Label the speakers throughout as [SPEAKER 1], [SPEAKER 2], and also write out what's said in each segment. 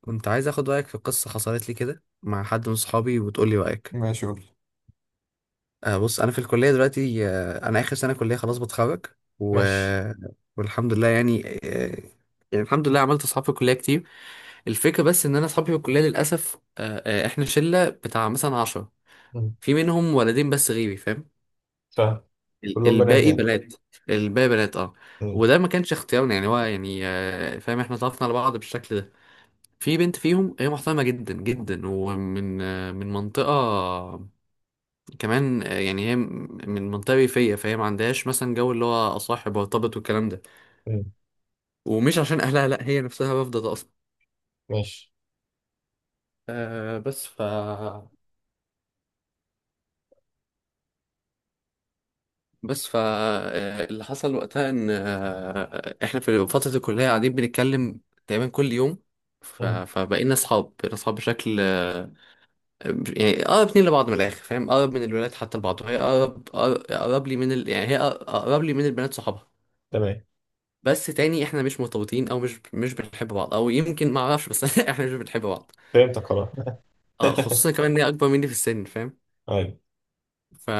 [SPEAKER 1] كنت عايز اخد رايك في قصه حصلت لي كده مع حد من صحابي وتقول لي رايك.
[SPEAKER 2] ماشي، قول.
[SPEAKER 1] بص انا في الكليه دلوقتي، انا اخر سنه كليه خلاص بتخرج و...
[SPEAKER 2] ماشي.
[SPEAKER 1] والحمد لله يعني يعني الحمد لله عملت اصحاب في الكليه كتير. الفكره بس ان انا اصحابي في الكليه للاسف، احنا شله بتاع مثلا عشرة،
[SPEAKER 2] مم.
[SPEAKER 1] في منهم ولدين بس غيري فاهم.
[SPEAKER 2] فاهم. كلهم بنات
[SPEAKER 1] الباقي
[SPEAKER 2] يعني؟
[SPEAKER 1] بنات. الباقي بنات اه
[SPEAKER 2] مم.
[SPEAKER 1] وده ما كانش اختيارنا، يعني هو يعني فاهم، احنا اتعرفنا على بعض بالشكل ده. في بنت فيهم هي محترمة جدا جدا، ومن من منطقة كمان، يعني هي من منطقة ريفية، فهي ما عندهاش مثلا جو اللي هو أصاحب وارتبط والكلام ده.
[SPEAKER 2] مم.
[SPEAKER 1] ومش عشان أهلها، لأ هي نفسها رافضة ده أصلا.
[SPEAKER 2] ماشي.
[SPEAKER 1] آه بس ف بس ف آه، اللي حصل وقتها إن إحنا في فترة الكلية قاعدين بنتكلم تقريبا كل يوم.
[SPEAKER 2] مم.
[SPEAKER 1] فبقينا أصحاب، بقينا أصحاب بشكل يعني اقرب اتنين لبعض من الاخر فاهم، اقرب من الولاد حتى لبعض، وهي اقرب اقرب لي من يعني اقرب لي من البنات صحابها.
[SPEAKER 2] تمام.
[SPEAKER 1] بس تاني احنا مش مرتبطين، او مش بنحب بعض، او يمكن ما اعرفش بس احنا مش بنحب بعض.
[SPEAKER 2] فهمتك خلاص.
[SPEAKER 1] اه خصوصا كمان ان هي اكبر مني في السن فاهم.
[SPEAKER 2] طيب.
[SPEAKER 1] ف...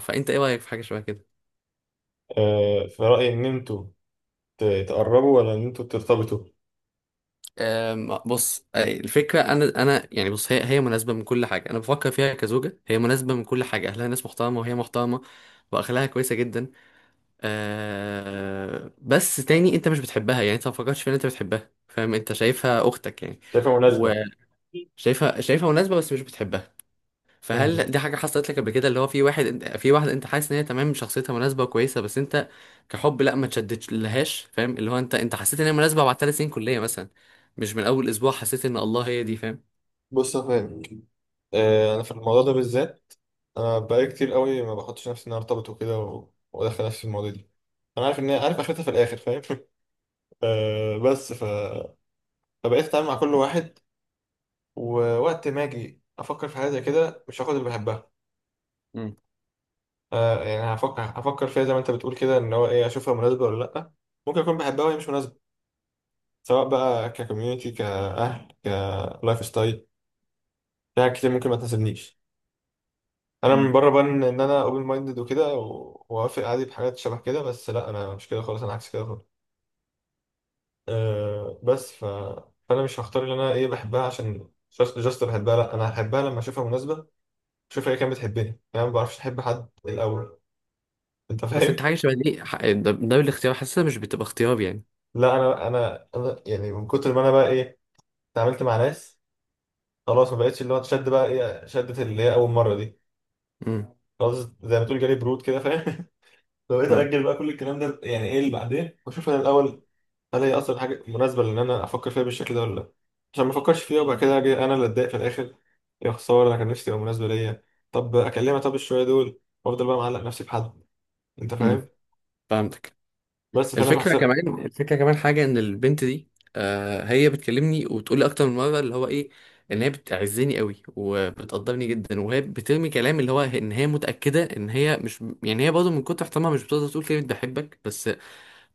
[SPEAKER 1] فانت ايه رايك في حاجه شبه كده؟
[SPEAKER 2] في رأيي إن أنتوا تقربوا ولا إن أنتوا ترتبطوا؟
[SPEAKER 1] بص، الفكره انا يعني بص، هي مناسبه من كل حاجه انا بفكر فيها كزوجه، هي مناسبه من كل حاجه، اهلها ناس محترمه وهي محترمه واخلاقها كويسه جدا. بس تاني انت مش بتحبها، يعني انت ما فكرتش في ان انت بتحبها فاهم، انت شايفها اختك يعني.
[SPEAKER 2] شايفها مناسبة.
[SPEAKER 1] وشايفها، شايفها مناسبه بس مش بتحبها. فهل
[SPEAKER 2] مم.
[SPEAKER 1] دي حاجه حصلت لك قبل كده، اللي هو في واحد، انت في واحد انت حاسس ان هي تمام، شخصيتها مناسبه وكويسه بس انت كحب لا، ما تشدتش لهاش فاهم، اللي هو انت حسيت ان هي مناسبه بعد ثلاث سنين كليه مثلا، مش من اول اسبوع حسيت ان الله هي دي فاهم.
[SPEAKER 2] بص يا فاهم، أنا في الموضوع ده بالذات، أنا بقالي كتير قوي ما بحطش نفسي إن أنا أرتبط وكده وأدخل نفسي في المواضيع دي. أنا عارف إن هي عارف آخرتها في الآخر فاهم. بس فبقيت أتعامل مع كل واحد. ووقت ما أجي أفكر في حاجة زي كده مش هاخد اللي بحبها.
[SPEAKER 1] مم.
[SPEAKER 2] يعني هفكر فيها زي ما انت بتقول كده، ان هو ايه، اشوفها مناسبه ولا لا. ممكن اكون بحبها وهي مش مناسبه. سواء بقى ككوميونتي، كاهل، كلايف ستايل، في حاجات كتير ممكن ما تناسبنيش. انا من
[SPEAKER 1] مم.
[SPEAKER 2] بره بان ان انا اوبن مايندد وكده واوافق عادي بحاجات شبه كده، بس لا انا مش كده خالص، انا عكس كده خالص. بس فانا مش هختار اللي انا ايه بحبها عشان جاست بحبها، لا انا هحبها لما اشوفها مناسبه. اشوفها هي كانت بتحبني، يعني انا ما بعرفش احب حد الاول. انت
[SPEAKER 1] بس انت
[SPEAKER 2] فاهم؟
[SPEAKER 1] حاجه شبه دي ده بالاختيار حاسسها مش بتبقى اختيار يعني.
[SPEAKER 2] لا انا، انا يعني من كتر ما انا بقى ايه، اتعاملت مع ناس خلاص ما بقتش اللي هو تشد، بقى ايه، شدت اللي هي اول مره دي.
[SPEAKER 1] امم.
[SPEAKER 2] خلاص. زي ما تقول جالي برود كده فاهم. فبقيت
[SPEAKER 1] اه.
[SPEAKER 2] اجل بقى كل الكلام ده، يعني ايه اللي بعدين، واشوف انا الاول. هل هي اصلا حاجه مناسبه، لان انا افكر فيها بالشكل ده ولا لا، عشان ما افكرش فيها وبعد كده اجي انا اللي اتضايق في الاخر، يا خساره انا كان نفسي تبقى مناسبه ليا، طب اكلمها، طب الشويه دول، وافضل بقى معلق نفسي بحد. انت
[SPEAKER 1] امم.
[SPEAKER 2] فاهم؟
[SPEAKER 1] فهمتك.
[SPEAKER 2] بس فانا
[SPEAKER 1] الفكرة
[SPEAKER 2] بحسب.
[SPEAKER 1] كمان، الفكرة كمان حاجة ان البنت دي هي بتكلمني وبتقول لي اكتر من مرة، اللي هو ايه ان هي بتعزني قوي وبتقدرني جدا، وهي بترمي كلام اللي هو ان هي متأكدة ان هي مش يعني، هي برضه من كتر احترامها مش بتقدر تقول كلمة بحبك، بس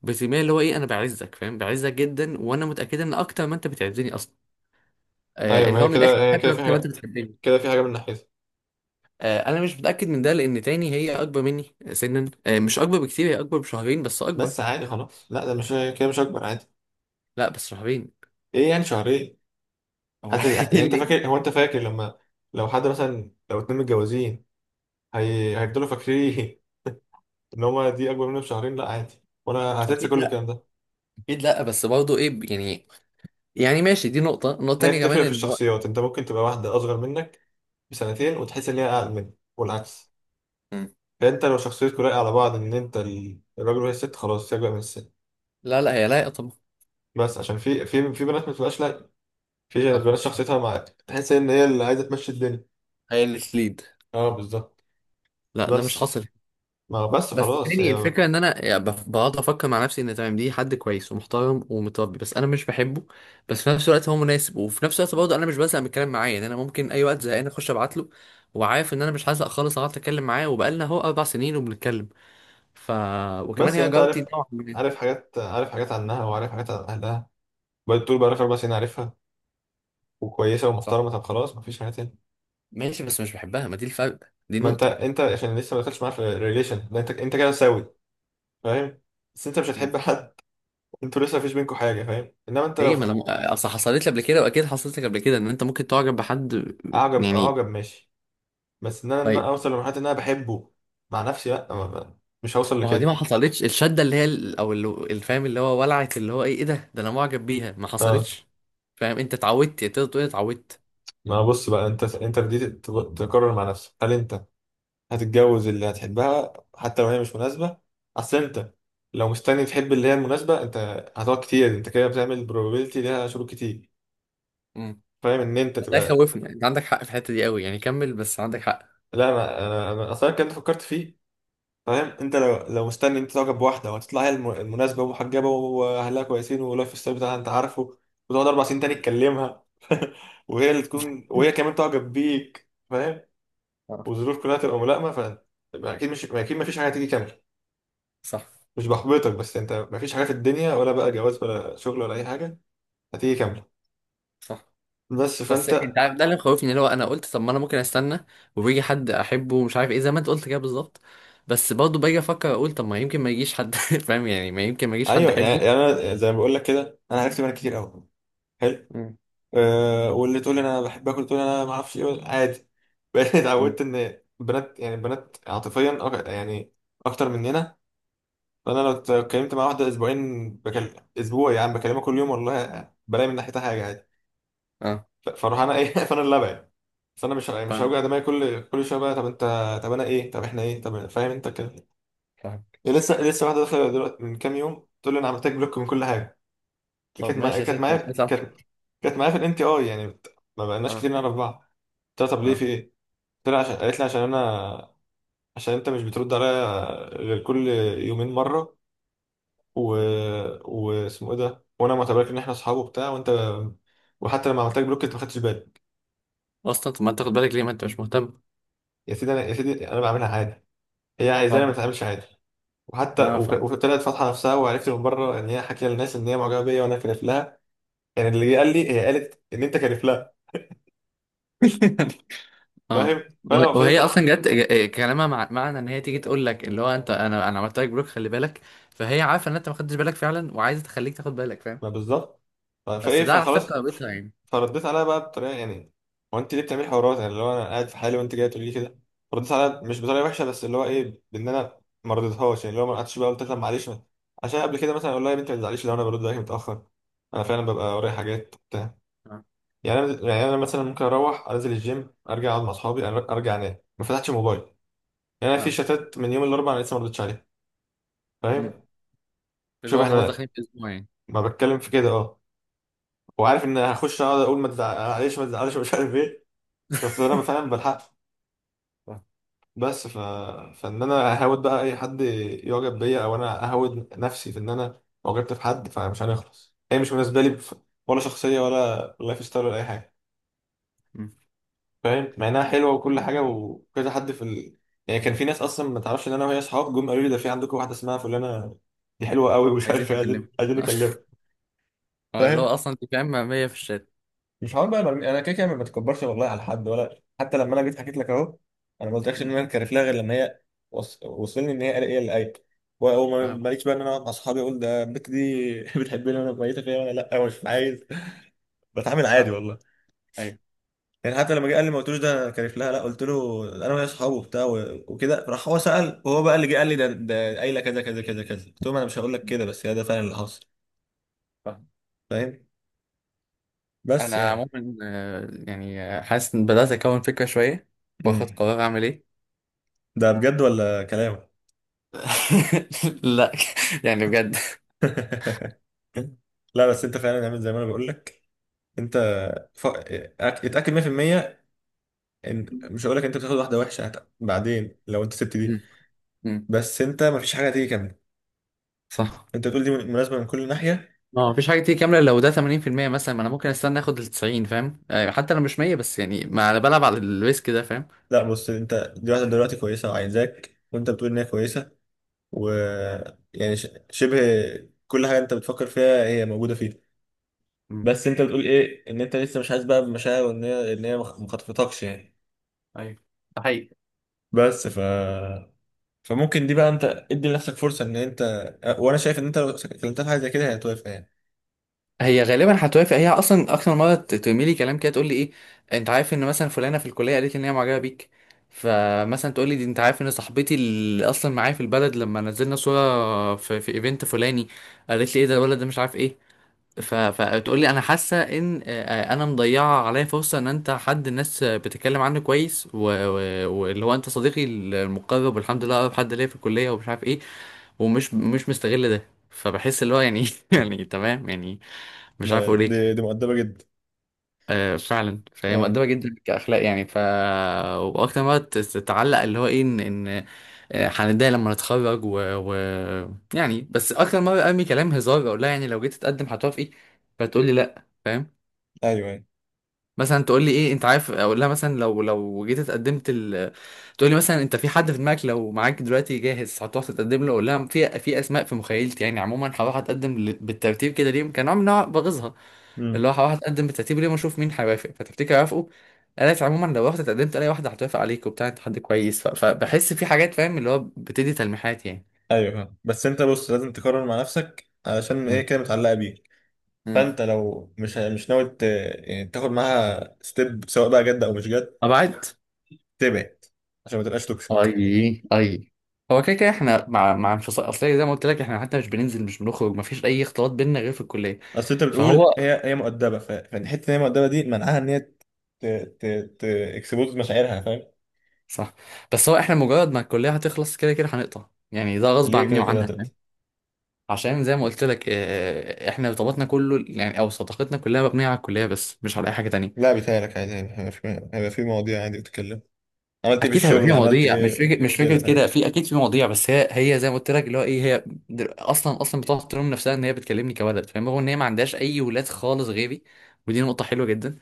[SPEAKER 1] بترميها اللي هو ايه، انا بعزك فاهم، بعزك جدا، وانا متأكدة ان اكتر ما انت بتعزني اصلا.
[SPEAKER 2] ايوه، ما
[SPEAKER 1] اللي
[SPEAKER 2] هي
[SPEAKER 1] هو من الاخر
[SPEAKER 2] كده، هي كده
[SPEAKER 1] بحبك
[SPEAKER 2] في
[SPEAKER 1] اكتر ما انت
[SPEAKER 2] حاجه،
[SPEAKER 1] بتحبني.
[SPEAKER 2] كده في حاجه من ناحيتها.
[SPEAKER 1] انا مش متأكد من ده، لان تاني هي اكبر مني سنا، مش اكبر بكتير، هي اكبر بشهرين بس اكبر.
[SPEAKER 2] بس عادي خلاص، لا ده مش كده، مش اكبر، عادي.
[SPEAKER 1] لا بس شهرين.
[SPEAKER 2] ايه يعني شهرين؟
[SPEAKER 1] هو إيه
[SPEAKER 2] يعني انت فاكر، هو انت فاكر لما، لو حد مثلا لو اتنين متجوزين، هيفضلوا فاكرين ان هما دي اكبر مني بشهرين؟ لا عادي، وانا هتنسى
[SPEAKER 1] اكيد
[SPEAKER 2] كل
[SPEAKER 1] لا.
[SPEAKER 2] الكلام ده.
[SPEAKER 1] اكيد لا بس برضه ايه يعني، يعني ماشي دي نقطة. النقطة
[SPEAKER 2] هي
[SPEAKER 1] التانية كمان
[SPEAKER 2] بتفرق في
[SPEAKER 1] ان هو.
[SPEAKER 2] الشخصيات، انت ممكن تبقى واحده اصغر منك بسنتين وتحس ان هي اقل منك والعكس.
[SPEAKER 1] مم.
[SPEAKER 2] فانت لو شخصيتكوا لايقه على بعض، ان انت الراجل وهي الست، خلاص هي اكبر من الست.
[SPEAKER 1] لا لا، هي لايقة طبعا.
[SPEAKER 2] بس عشان في بنات ما بتبقاش لايقه، في
[SPEAKER 1] صح
[SPEAKER 2] بنات
[SPEAKER 1] صح.
[SPEAKER 2] شخصيتها معاك تحس ان هي اللي عايزه تمشي الدنيا.
[SPEAKER 1] هي اللي تليد.
[SPEAKER 2] اه بالظبط.
[SPEAKER 1] لا ده مش
[SPEAKER 2] بس،
[SPEAKER 1] حاصل.
[SPEAKER 2] ما بس
[SPEAKER 1] بس
[SPEAKER 2] خلاص
[SPEAKER 1] تاني
[SPEAKER 2] هي.
[SPEAKER 1] الفكرة ان انا يعني بقعد افكر مع نفسي ان تمام، دي حد كويس ومحترم ومتربي بس انا مش بحبه. بس في نفس الوقت هو مناسب، وفي نفس الوقت برضه انا مش بزهق من الكلام معاه، يعني انا ممكن اي وقت زهقان اخش ابعت له، وعارف ان انا مش هزهق خالص، اقعد اتكلم معاه وبقالنا اهو اربع سنين وبنتكلم. ف وكمان
[SPEAKER 2] بس يعني
[SPEAKER 1] هي
[SPEAKER 2] انت
[SPEAKER 1] جارتي نوعا ما.
[SPEAKER 2] عارف حاجات عنها وعارف حاجات عن اهلها. بقيت طول بقالك
[SPEAKER 1] صح
[SPEAKER 2] 4 سنين عارفها، وكويسه ومحترمه،
[SPEAKER 1] صح.
[SPEAKER 2] طب خلاص مفيش حاجه تاني.
[SPEAKER 1] ماشي بس مش بحبها، ما دي الفرق، دي
[SPEAKER 2] ما انت
[SPEAKER 1] النقطة.
[SPEAKER 2] انت عشان لسه ما دخلتش معاه في الريليشن ده، انت كده ساوي، فاهم. بس انت مش هتحب حد، انتوا لسه مفيش بينكوا حاجه فاهم. انما انت لو
[SPEAKER 1] ليه، ما انا اصل حصلت لي قبل كده، واكيد حصلت لك قبل كده ان انت ممكن تعجب بحد،
[SPEAKER 2] اعجب،
[SPEAKER 1] يعني.
[SPEAKER 2] اعجب ماشي، بس ان انا، إن
[SPEAKER 1] طيب.
[SPEAKER 2] أنا اوصل لمرحله ان انا بحبه مع نفسي، لا مش هوصل
[SPEAKER 1] ما هو دي
[SPEAKER 2] لكده.
[SPEAKER 1] ما حصلتش الشده اللي هي الفهم اللي هو ولعت اللي هو ايه، ايه ده، ده انا معجب بيها، ما
[SPEAKER 2] اه،
[SPEAKER 1] حصلتش. فاهم انت اتعودت تقدر تقول اتعودت.
[SPEAKER 2] ما بص بقى، انت بديت تقرر مع نفسك هل انت هتتجوز اللي هتحبها حتى لو هي مش مناسبة، اصل انت لو مستني تحب اللي هي المناسبة، انت هتقعد كتير. انت كده بتعمل probability ليها، شروط كتير،
[SPEAKER 1] امم.
[SPEAKER 2] فاهم، ان انت
[SPEAKER 1] ده
[SPEAKER 2] تبقى.
[SPEAKER 1] خوفنا، انت عندك حق في الحته دي قوي يعني، كمل بس عندك حق.
[SPEAKER 2] لا أنا اصلا كنت فكرت فيه، فاهم. انت لو مستني انت تعجب بواحدة وهتطلع هي المناسبة، ومحجبة، واهلها كويسين، واللايف ستايل بتاعها انت عارفه، وتقعد 4 سنين تاني تكلمها، وهي اللي تكون وهي كمان تعجب بيك، فاهم،
[SPEAKER 1] آه،
[SPEAKER 2] والظروف كلها تبقى ملائمة، ف... اكيد، مش اكيد مفيش حاجة هتيجي كاملة.
[SPEAKER 1] صح
[SPEAKER 2] مش بحبطك، بس انت مفيش حاجه في الدنيا، ولا بقى جواز ولا شغل ولا اي حاجه، هتيجي كامله.
[SPEAKER 1] صح.
[SPEAKER 2] بس
[SPEAKER 1] بس انت
[SPEAKER 2] فانت.
[SPEAKER 1] عارف ده اللي مخوفني، اللي هو انا قلت طب ما انا ممكن استنى وبيجي حد احبه ومش عارف ايه، زي ما انت قلت كده بالظبط. بس برضه باجي افكر اقول طب ما يمكن ما يجيش حد فاهم يعني، ما يمكن ما يجيش حد
[SPEAKER 2] ايوه،
[SPEAKER 1] احبه.
[SPEAKER 2] يعني انا زي ما بقول لك كده، انا عرفت منك كتير قوي، حلو.
[SPEAKER 1] مم.
[SPEAKER 2] واللي تقول انا بحب اكل، تقول انا ما اعرفش ايه، عادي. بقيت
[SPEAKER 1] مم.
[SPEAKER 2] اتعودت ان البنات، يعني البنات عاطفيا يعني اكتر مننا. فانا لو اتكلمت مع واحده اسبوعين، بكلم اسبوع يعني، بكلمها كل يوم والله، بلاقي من ناحيتها حاجه عادي.
[SPEAKER 1] اه
[SPEAKER 2] فاروح انا ايه فانا اللي ابعد. فانا مش
[SPEAKER 1] فاهم.
[SPEAKER 2] هوجع دماغي كل شويه بقى، طب انت، طب انا ايه، طب احنا ايه، طب فاهم انت كده.
[SPEAKER 1] فاهم.
[SPEAKER 2] لسه واحده داخله دلوقتي من كام يوم تقول لي انا عملت لك بلوك من كل حاجه. كانت
[SPEAKER 1] طب
[SPEAKER 2] معايا،
[SPEAKER 1] ماشي يا ست. طب ماشي.
[SPEAKER 2] كانت معايا في الان تي اي، يعني ما بقناش
[SPEAKER 1] اه.
[SPEAKER 2] كتير نعرف بعض. قلت لها طب ليه
[SPEAKER 1] اه.
[SPEAKER 2] في ايه؟ قلت لها عشان، قالت لي عشان انت مش بترد عليا غير كل يومين مره، و واسمه ايه ده، وانا معتبرك ان احنا اصحاب وبتاع، وانت وحتى لما عملت لك بلوك انت ما خدتش بالي.
[SPEAKER 1] اصلا طب ما انت تاخد بالك ليه، ما انت مش مهتم.
[SPEAKER 2] يا سيدي انا، بعملها عادي، هي عايزاني ما
[SPEAKER 1] فاهم.
[SPEAKER 2] اتعاملش عادي. وحتى
[SPEAKER 1] اه فاهم.
[SPEAKER 2] وطلعت فاتحه نفسها، وعرفت من بره ان هي حكي للناس ان هي معجبه بيا وانا كارف لها، يعني اللي قال لي هي قالت ان انت كارف لها،
[SPEAKER 1] اه.
[SPEAKER 2] فاهم.
[SPEAKER 1] وه-
[SPEAKER 2] فانا
[SPEAKER 1] وهي
[SPEAKER 2] فضلت،
[SPEAKER 1] اصلا جت كلامها معنى ان هي تيجي تقول لك اللي هو انت، انا عملت لك بلوك خلي بالك. فهي عارفه ان انت ما خدتش بالك فعلا، وعايزه تخليك تاخد بالك فاهم.
[SPEAKER 2] ما بالظبط.
[SPEAKER 1] بس
[SPEAKER 2] فايه،
[SPEAKER 1] ده على
[SPEAKER 2] فخلاص،
[SPEAKER 1] حساب كرامتها يعني.
[SPEAKER 2] فرديت عليها بقى بطريقه، يعني هو انت ليه بتعملي حوارات، يعني اللي هو انا قاعد في حالي وانت جايه تقولي لي كده. فرديت عليها مش بطريقه وحشه، بس اللي هو ايه، بان انا ما رضيتهاش، يعني اللي هو ما قعدتش بقى، قلت لها معلش عشان قبل كده مثلا اقول لها يا بنتي ما تزعليش لو انا برد عليك متاخر، انا فعلا ببقى ورايا حاجات بتاع
[SPEAKER 1] آه،
[SPEAKER 2] يعني انا مثلا ممكن اروح انزل الجيم، ارجع اقعد مع اصحابي، ارجع انام ما فتحتش موبايل، يعني انا في
[SPEAKER 1] فهمتك.
[SPEAKER 2] شتات من يوم الاربعاء انا لسه ما ردتش عليها،
[SPEAKER 1] مم.
[SPEAKER 2] فاهم.
[SPEAKER 1] اللي
[SPEAKER 2] شوف
[SPEAKER 1] هو خلاص
[SPEAKER 2] احنا،
[SPEAKER 1] داخلين في اسبوع يعني.
[SPEAKER 2] ما بتكلم في كده اه، وعارف ان هخش اقعد اقول ما تزعلش، ما تزعلش، مش عارف ايه، بس انا فعلا بلحق.
[SPEAKER 1] فاهم.
[SPEAKER 2] بس فان انا اهود بقى اي حد يعجب بيا، او انا اهود نفسي في ان انا اعجبت في حد، فمش هنخلص. هي مش بالنسبه لي ولا شخصيه، ولا لايف ستايل، ولا اي حاجه،
[SPEAKER 1] مم.
[SPEAKER 2] فاهم، مع انها حلوه وكل حاجه،
[SPEAKER 1] فهمت.
[SPEAKER 2] وكذا حد في يعني كان في ناس اصلا ما تعرفش ان انا وهي اصحاب جم قالوا لي ده في عندكم واحده اسمها فلانه، دي حلوه قوي ومش
[SPEAKER 1] عايزين
[SPEAKER 2] عارف ايه، عايزين
[SPEAKER 1] نكلمه.
[SPEAKER 2] عايزين نكلمها،
[SPEAKER 1] اه اللي هو
[SPEAKER 2] فاهم.
[SPEAKER 1] اصلا انت فاهم، 100 في الشات.
[SPEAKER 2] مش هقعد بقى برمي، انا كده كده ما بتكبرش والله على حد، ولا حتى لما انا جيت حكيت لك اهو، انا ما قلتلكش ان
[SPEAKER 1] مم.
[SPEAKER 2] انا كارف لها غير لما هي وصلني ان هي قال ايه اللي قايل،
[SPEAKER 1] فاهم.
[SPEAKER 2] وماليش بقى ان انا اقعد مع اصحابي اقول ده البت دي بتحبني وانا ميته فيا، وانا لا مش عايز، بتعامل
[SPEAKER 1] فاهم.
[SPEAKER 2] عادي والله.
[SPEAKER 1] ايوه
[SPEAKER 2] يعني حتى لما جه قال لي ما قلتلوش ده انا كارف لها، لا قلت له انا وهي اصحابه وبتاع وكده، راح هو سال، وهو بقى اللي جه قال لي، ده قايله كذا كذا كذا كذا، قلت لهم انا مش هقول لك كده، بس هي ده فعلا اللي حصل،
[SPEAKER 1] فاهم.
[SPEAKER 2] فاهم. بس
[SPEAKER 1] انا
[SPEAKER 2] يعني.
[SPEAKER 1] عموما، يعني حاسس ان بدات اكون فكره شويه، واخد
[SPEAKER 2] امم.
[SPEAKER 1] قرار اعمل ايه.
[SPEAKER 2] ده بجد ولا كلام؟
[SPEAKER 1] لا، يعني بجد.
[SPEAKER 2] لا بس انت فعلا عامل زي ما انا بقول لك. انت ف... أك- اتاكد 100% ان، مش هقول لك انت بتاخد واحده وحشه بعدين لو انت سبت دي،
[SPEAKER 1] مم. مم.
[SPEAKER 2] بس انت مفيش حاجه هتيجي كامله.
[SPEAKER 1] صح.
[SPEAKER 2] انت بتقول دي مناسبه من كل ناحيه.
[SPEAKER 1] ما هو مفيش حاجه تيجي كامله، لو ده 80% مثلا، ما انا ممكن استنى اخد ال 90 فاهم، حتى لو مش 100 بس يعني، ما انا بلعب على الريسك ده فاهم.
[SPEAKER 2] لا بص، انت دي واحده دلوقتي كويسه وعايزاك، وانت بتقول ان هي كويسه، و يعني شبه كل حاجه انت بتفكر فيها هي موجوده فيها.
[SPEAKER 1] مم.
[SPEAKER 2] بس انت بتقول ايه، ان انت لسه مش حاسس بقى بمشاعر، وان هي ان هي مخطفتكش يعني.
[SPEAKER 1] ايوه، ده حقيقي.
[SPEAKER 2] بس فممكن دي بقى انت ادي لنفسك فرصه ان انت، وانا شايف ان انت لو كلمتها في حاجه زي كده هتوافق يعني.
[SPEAKER 1] هي غالبا هتوافق، هي اصلا اكتر مره ترمي لي كلام كده تقول لي ايه، انت عارف ان مثلا فلانه في الكليه قالت لي ان هي معجبه بيك. فمثلا تقول لي دي انت عارف ان صاحبتي اللي اصلا معايا في البلد، لما نزلنا صوره في ايفنت فلاني قالت لي ايه ده الولد ده، مش عارف ايه. فتقول لي انا حاسه ان انا مضيعه عليا فرصه ان انت حد الناس بتتكلم عنه كويس، واللي هو انت صديقي المقرب والحمد لله اقرب حد ليا في الكليه ومش عارف ايه، ومش مش مستغل ده، فبحس اللي هو يعني يعني تمام يعني، مش عارف اقول ايه.
[SPEAKER 2] دي دي مؤدبه جدا.
[SPEAKER 1] آه فعلا، فهي
[SPEAKER 2] اه.
[SPEAKER 1] مقدمه جدا كاخلاق يعني. واكتر ما تتعلق اللي هو ايه ان ان، هنتضايق لما نتخرج يعني. بس اكتر مره ارمي كلام هزار، اقول لها يعني لو جيت تتقدم هتوافقي، فتقول لي لا فاهم.
[SPEAKER 2] ايوه، ايوه.
[SPEAKER 1] مثلا تقول لي ايه، انت عارف اقول لها مثلا لو جيت تقول لي مثلا انت في حد في دماغك، لو معاك دلوقتي جاهز هتروح تتقدم له، اقول لها في، اسماء في مخيلتي يعني، عموما هروح اتقدم بالترتيب كده ليه، كان نوع من أنواع بغيظها،
[SPEAKER 2] امم.
[SPEAKER 1] اللي هو هروح اتقدم بالترتيب ليه واشوف مين هيوافق، فتفتكر هيوافقوا. قالت عموما لو رحت اتقدمت الاقي واحده هتوافق عليك وبتاع، انت حد كويس. فبحس في حاجات فاهم، اللي هو بتدي تلميحات يعني.
[SPEAKER 2] ايوه فاهم، بس انت بص لازم تقرر مع نفسك علشان ايه
[SPEAKER 1] مم.
[SPEAKER 2] كده متعلقه بيك.
[SPEAKER 1] مم.
[SPEAKER 2] فانت لو مش ناوي يعني تاخد معاها ستيب، سواء بقى جد او مش جد،
[SPEAKER 1] ابعد.
[SPEAKER 2] تبعد عشان ما تبقاش توكسيك.
[SPEAKER 1] اي اي. هو كده كده احنا مع انفصال اصل، زي ما قلت لك احنا حتى مش بننزل مش بنخرج، ما فيش اي اختلاط بيننا غير في الكليه.
[SPEAKER 2] اصل انت بتقول
[SPEAKER 1] فهو.
[SPEAKER 2] هي مؤدبه، فالحته ان هي مؤدبه دي منعها ان هي ت ت ت اكسبوز مشاعرها، فاهم.
[SPEAKER 1] صح. بس هو احنا مجرد ما الكليه هتخلص كده كده هنقطع، يعني ده غصب
[SPEAKER 2] ليه؟
[SPEAKER 1] عني
[SPEAKER 2] كده كده
[SPEAKER 1] وعنها
[SPEAKER 2] هتبقى.
[SPEAKER 1] فاهم. عشان زي ما قلت لك، اه احنا ارتباطنا كله يعني، او صداقتنا كلها مبنيه على الكليه بس، مش على اي حاجه تانية.
[SPEAKER 2] لا بيتهيألك عادي، يعني هيبقى في مواضيع عادي بتتكلم، عملت ايه في
[SPEAKER 1] اكيد هيبقى في
[SPEAKER 2] الشغل، عملت
[SPEAKER 1] مواضيع، مش
[SPEAKER 2] ايه
[SPEAKER 1] فكره، مش
[SPEAKER 2] كده،
[SPEAKER 1] فكره كده
[SPEAKER 2] فاهم.
[SPEAKER 1] في، اكيد في مواضيع، بس هي، هي زي ما قلت لك اللي هو ايه، اصلا بتقعد تلوم نفسها ان هي بتكلمني كولد فاهم، هو ان هي ما عندهاش اي ولاد خالص غيري، ودي نقطه حلوه جدا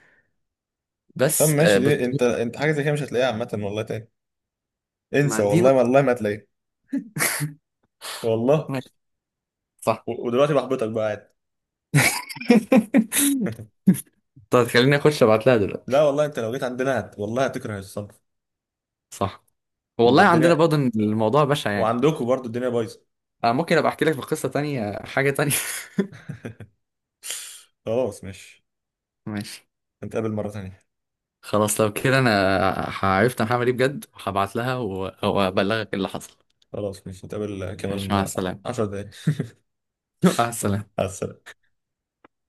[SPEAKER 2] طب
[SPEAKER 1] بس
[SPEAKER 2] ماشي، دي انت، حاجه زي كده مش هتلاقيها عامه والله تاني.
[SPEAKER 1] ما
[SPEAKER 2] انسى،
[SPEAKER 1] دي
[SPEAKER 2] والله والله ما هتلاقيها، والله.
[SPEAKER 1] ماشي. صح.
[SPEAKER 2] ودلوقتي بحبطك بقى، عادي.
[SPEAKER 1] طب خليني اخش ابعت لها
[SPEAKER 2] لا
[SPEAKER 1] دلوقتي.
[SPEAKER 2] والله، انت لو جيت عندنا والله هتكره الصنف.
[SPEAKER 1] صح.
[SPEAKER 2] ده
[SPEAKER 1] والله عندنا
[SPEAKER 2] الدنيا،
[SPEAKER 1] برضه إن الموضوع بشع يعني.
[SPEAKER 2] وعندكم برضو الدنيا بايظه.
[SPEAKER 1] انا ممكن ابقى احكي لك في قصة تانية، حاجة تانية.
[SPEAKER 2] خلاص ماشي،
[SPEAKER 1] ماشي.
[SPEAKER 2] نتقابل مره تانية.
[SPEAKER 1] خلاص لو كده انا عرفت انا هعمل ايه بجد، هبعت لها وابلغك اللي حصل.
[SPEAKER 2] خلاص ماشي، نتقابل
[SPEAKER 1] ماشي مع
[SPEAKER 2] كمان
[SPEAKER 1] السلامة.
[SPEAKER 2] 10 دقايق.
[SPEAKER 1] مع السلامة.
[SPEAKER 2] على السلامه.